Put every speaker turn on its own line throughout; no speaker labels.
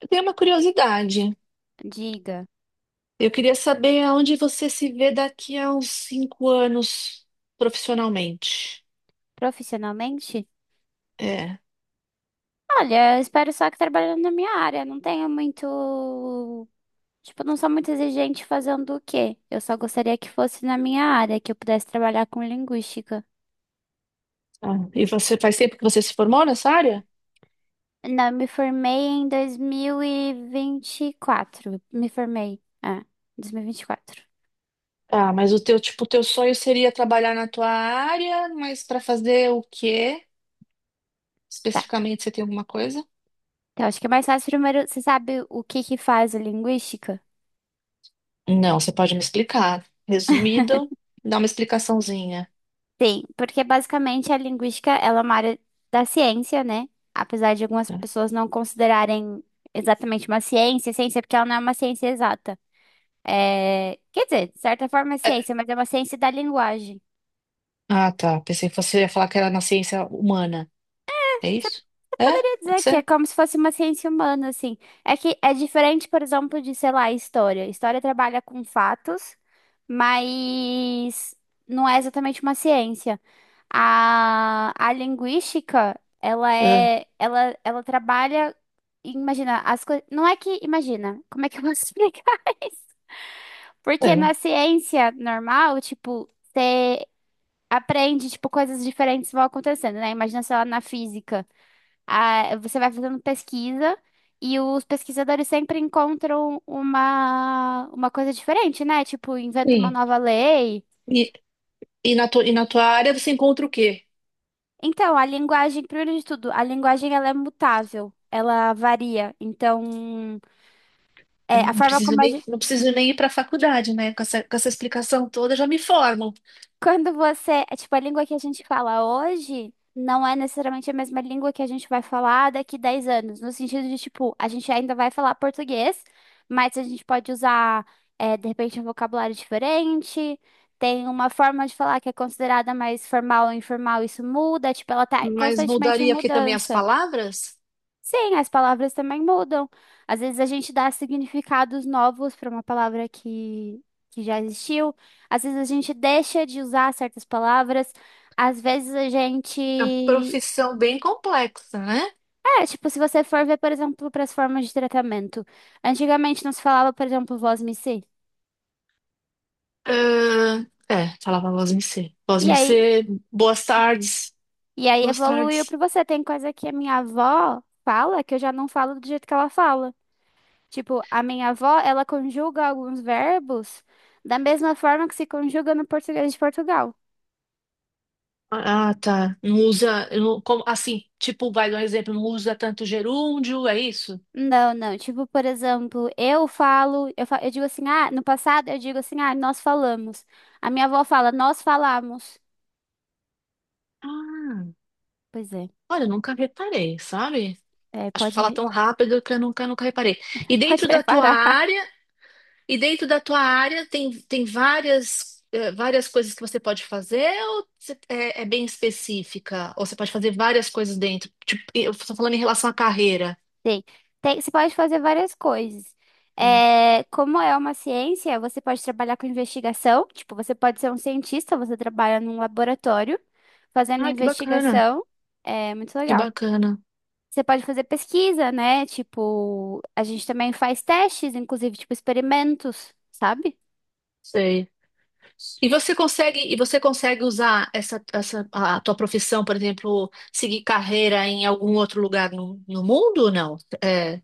Eu tenho uma curiosidade.
Diga,
Eu queria saber aonde você se vê daqui a uns 5 anos profissionalmente.
profissionalmente?
É.
Olha, eu espero só que trabalhando na minha área, não tenho muito. Tipo, não sou muito exigente fazendo o quê? Eu só gostaria que fosse na minha área, que eu pudesse trabalhar com linguística.
Ah, e você faz tempo que você se formou nessa área?
Não, eu me formei em dois mil e vinte e quatro Me formei. 2024
Ah, mas o teu, tipo, o teu sonho seria trabalhar na tua área, mas para fazer o quê?
Tá.
Especificamente, você tem alguma coisa?
Então, acho que é mais fácil primeiro. Você sabe o que que faz a linguística?
Não, você pode me explicar. Resumido, dá uma explicaçãozinha.
Sim, porque basicamente a linguística, ela é uma área da ciência, né? Apesar de algumas
É.
pessoas não considerarem exatamente uma ciência, ciência porque ela não é uma ciência exata. É, quer dizer, de certa forma é
É.
ciência, mas é uma ciência da linguagem.
Ah, tá. Pensei que você ia falar que era na ciência humana. É isso? É?
Poderia
Pode
dizer que é
ser?
como se fosse uma ciência humana, assim. É que é diferente, por exemplo, de, sei lá, história. História trabalha com fatos, mas não é exatamente uma ciência. A linguística, ela
É.
é, ela, ela trabalha, imagina, as coisas, não é que, imagina, como é que eu posso explicar isso? Porque
É.
na ciência normal, tipo, você aprende, tipo, coisas diferentes vão acontecendo, né? Imagina, sei lá, na física. Ah, você vai fazendo pesquisa e os pesquisadores sempre encontram uma coisa diferente, né? Tipo, inventa uma
Sim.
nova lei.
E, E na tua área você encontra o quê?
Então, a linguagem, primeiro de tudo, a linguagem ela é mutável, ela varia. Então,
Eu
a
não
forma
preciso
como a
nem, não preciso nem ir para a faculdade, né? Com essa explicação toda já me formam.
Quando você, tipo, a língua que a gente fala hoje não é necessariamente a mesma língua que a gente vai falar daqui 10 anos, no sentido de, tipo, a gente ainda vai falar português, mas a gente pode usar, de repente, um vocabulário diferente, tem uma forma de falar que é considerada mais formal ou informal, isso muda, tipo, ela tá
Mas
constantemente em
mudaria aqui também as
mudança.
palavras?
Sim, as palavras também mudam. Às vezes a gente dá significados novos para uma palavra que já existiu. Às vezes a gente deixa de usar certas palavras. Às vezes a
É uma
gente.
profissão bem complexa, né?
É, tipo, se você for ver, por exemplo, para as formas de tratamento. Antigamente não se falava, por exemplo, vós me si.
Ah, é, falava voz me ser. Voz
E
me
aí,
ser, boas tardes.
e aí
Boas
evoluiu
tardes.
para você. Tem coisa que a minha avó fala que eu já não falo do jeito que ela fala. Tipo, a minha avó, ela conjuga alguns verbos da mesma forma que se conjuga no português de Portugal.
Ah, tá. Não usa, como, assim, tipo, vai dar um exemplo, não usa tanto gerúndio, é isso?
Não, não. Tipo, por exemplo, eu falo, eu, fa- eu digo assim, ah, no passado eu digo assim, ah, nós falamos. A minha avó fala, nós falamos.
Ah,
Pois é,
olha, eu nunca reparei, sabe?
é,
Acho que fala
pode,
tão rápido que eu nunca, nunca reparei. E
pode
dentro da tua
reparar.
área, e dentro da tua área tem várias coisas que você pode fazer ou é bem específica? Ou você pode fazer várias coisas dentro? Tipo, eu estou falando em relação à carreira.
Sim. Tem, você pode fazer várias coisas.
É.
É, como é uma ciência, você pode trabalhar com investigação. Tipo, você pode ser um cientista, você trabalha num laboratório fazendo
Ah, que bacana,
investigação. É muito
que
legal.
bacana.
Você pode fazer pesquisa, né? Tipo, a gente também faz testes, inclusive, tipo, experimentos, sabe?
Sei. E você consegue usar essa a tua profissão, por exemplo, seguir carreira em algum outro lugar no mundo ou não? É.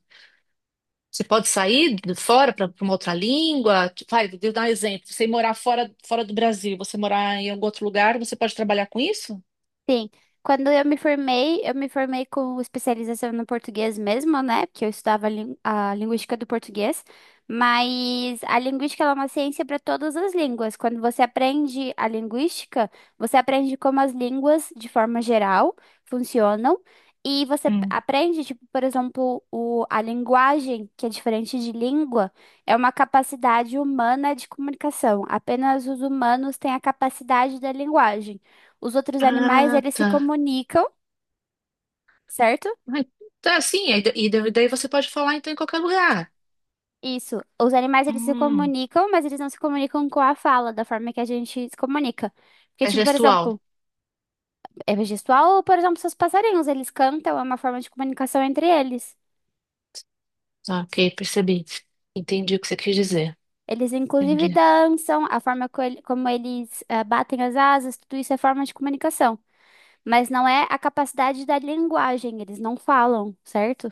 Você pode sair de fora para uma outra língua? Tipo, vai, vou dar um exemplo. Você morar fora, fora do Brasil, você morar em algum outro lugar, você pode trabalhar com isso?
Sim, quando eu me formei com especialização no português mesmo, né? Porque a linguística do português, mas a linguística ela é uma ciência para todas as línguas. Quando você aprende a linguística, você aprende como as línguas, de forma geral, funcionam, e
Hum.
aprende, tipo, por exemplo, o, a linguagem, que é diferente de língua, é uma capacidade humana de comunicação. Apenas os humanos têm a capacidade da linguagem. Os outros animais,
Ah,
eles se
tá.
comunicam, certo?
Ai, tá, sim. aí da- E da- Daí você pode falar então em qualquer lugar.
Isso. Os animais, eles se
Hum.
comunicam, mas eles não se comunicam com a fala, da forma que a gente se comunica. Porque,
É
tipo, por
gestual.
exemplo, é gestual, ou, por exemplo, seus passarinhos, eles cantam, é uma forma de comunicação entre eles.
Ah, ok, percebi. Entendi o que você quis dizer.
Eles, inclusive,
Entendi.
dançam, a forma co- ele- como eles batem as asas, tudo isso é forma de comunicação. Mas não é a capacidade da linguagem, eles não falam, certo?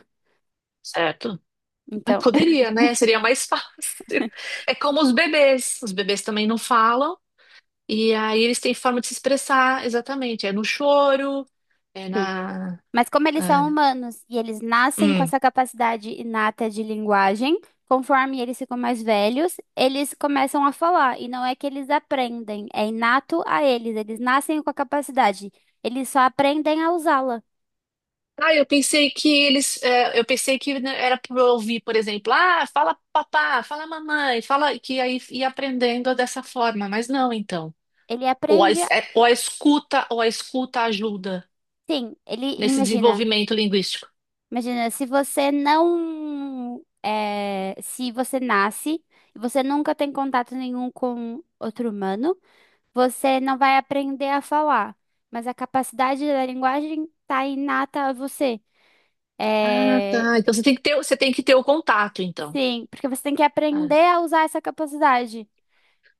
Certo?
Então,
Poderia, né? Seria mais fácil. É como os bebês. Os bebês também não falam. E aí eles têm forma de se expressar, exatamente. É no choro, é na.
mas como eles
Ah,
são humanos e eles nascem com
hum.
essa capacidade inata de linguagem, conforme eles ficam mais velhos, eles começam a falar. E não é que eles aprendem, é inato a eles. Eles nascem com a capacidade. Eles só aprendem a usá-la.
Ah, eu pensei que, né, era para ouvir, por exemplo, ah, fala papá, fala mamãe, fala que aí ia aprendendo dessa forma, mas não, então.
Ele aprende, a-
Ou a escuta ajuda
sim, ele
nesse
imagina.
desenvolvimento linguístico.
Imagina, se você nasce e você nunca tem contato nenhum com outro humano. Você não vai aprender a falar, mas a capacidade da linguagem está inata a você.
Ah,
É,
tá. Então você tem que ter o contato, então.
sim, porque você tem que
Ah,
aprender a usar essa capacidade.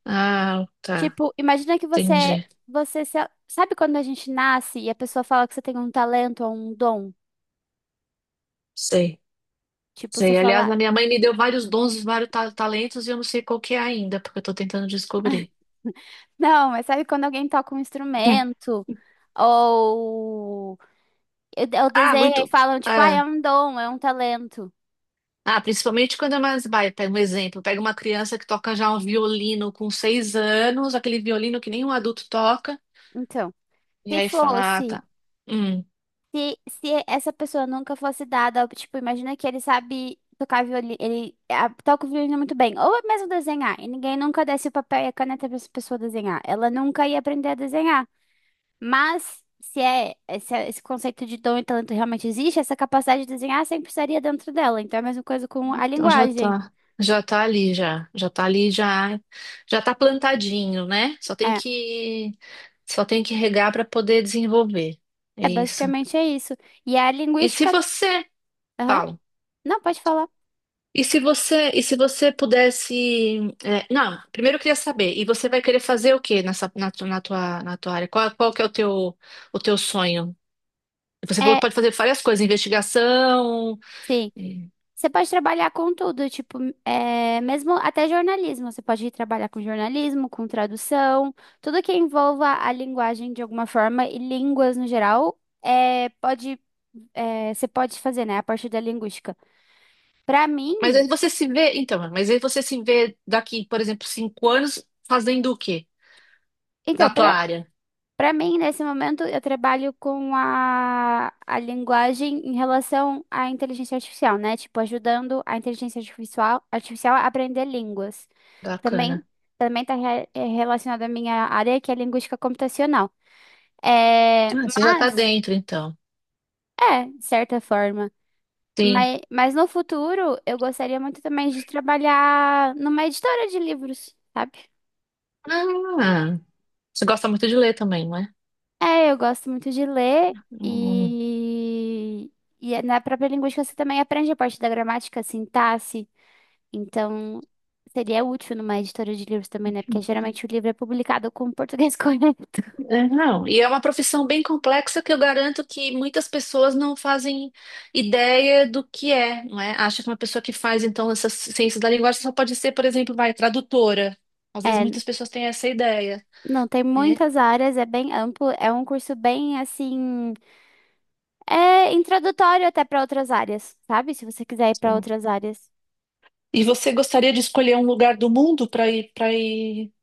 ah, tá.
Tipo,
Entendi.
você se- sabe quando a gente nasce e a pessoa fala que você tem um talento ou um dom?
Sei.
Tipo, você
Sei, aliás,
fala,
a minha mãe me deu vários dons, vários talentos e eu não sei qual que é ainda, porque eu tô tentando descobrir.
não, mas sabe quando alguém toca um instrumento ou eu
Ah,
desenho e
muito.
falam, tipo, ah, é
Ah,
um dom, é um talento.
ah, principalmente quando é mais vai, pega um exemplo, pega uma criança que toca já um violino com 6 anos, aquele violino que nenhum adulto toca,
Então,
e
se
aí fala, ah,
fosse
tá. Hum,
se essa pessoa nunca fosse dada, tipo, imagina que ele sabe tocar violino, ele ah, toca o violino muito bem, ou é mesmo desenhar, e ninguém nunca desse o papel e a caneta para essa pessoa desenhar. Ela nunca ia aprender a desenhar. Mas se é se é- esse conceito de dom e talento realmente existe, essa capacidade de desenhar sempre estaria dentro dela. Então é a mesma coisa com a
então já
linguagem.
tá. Já tá ali, já. Já tá ali, já. Já tá plantadinho, né? Só tem
É,
que. Só tem que regar para poder desenvolver. É isso.
basicamente é isso. E a
E se
linguística,
você.
aham.
Fala.
Não, pode falar.
E se você pudesse, é, não, primeiro eu queria saber, e você vai querer fazer o quê nessa, na, tu- na tua área? Qual que é o teu sonho? Você falou
É,
que pode fazer várias coisas, investigação,
sim.
é,
Você pode trabalhar com tudo, tipo, mesmo até jornalismo. Você pode ir trabalhar com jornalismo, com tradução, tudo que envolva a linguagem de alguma forma e línguas no geral, é, pode, você pode fazer, né, a parte da linguística. Pra mim,
mas aí você se vê daqui, por exemplo, 5 anos fazendo o quê? Na
então,
tua área?
Para mim, nesse momento, eu trabalho com a linguagem em relação à inteligência artificial, né? Tipo, ajudando a inteligência artificial, artificial a aprender línguas. Também
Bacana.
também está relacionado à minha área, que é linguística computacional. É,
Ah, você já tá
mas,
dentro, então.
de certa forma.
Sim.
Mas no futuro, eu gostaria muito também de trabalhar numa editora de livros, sabe?
Ah, você gosta muito de ler também, não é?
É, eu gosto muito de ler
Hum.
e, na própria linguística você também aprende a parte da gramática, sintaxe. Então, seria útil numa editora de livros também, né? Porque geralmente o livro é publicado com o português correto.
É, não, e é uma profissão bem complexa que eu garanto que muitas pessoas não fazem ideia do que é, não é? Acha que uma pessoa que faz, então, essas ciências da linguagem só pode ser, por exemplo, vai, tradutora. Às vezes
É, n-
muitas pessoas têm essa ideia,
não, tem
né?
muitas áreas, é bem amplo, é um curso bem assim, é introdutório até para outras áreas, sabe? Se você quiser ir para
Sim.
outras áreas.
E você gostaria de escolher um lugar do mundo para ir,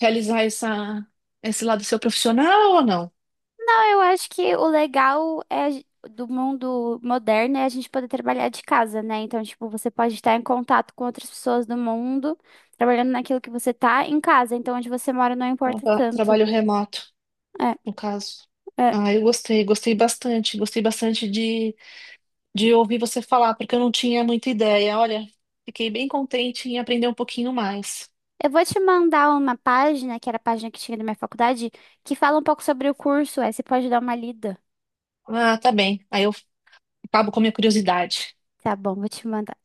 realizar esse lado seu profissional ou não?
Não, eu acho que o legal é a gen- do mundo moderno é a gente poder trabalhar de casa, né? Então, tipo, você pode estar em contato com outras pessoas do mundo, trabalhando naquilo que você tá em casa. Então, onde você mora não importa tanto.
Trabalho remoto,
É,
no caso.
é.
Ah, eu gostei bastante de ouvir você falar, porque eu não tinha muita ideia. Olha, fiquei bem contente em aprender um pouquinho mais.
Eu vou te mandar uma página, que era a página que tinha da minha faculdade, que fala um pouco sobre o curso. Aí você pode dar uma lida.
Ah, tá bem. Aí eu acabo com a minha curiosidade.
Tá bom, vou te mandar.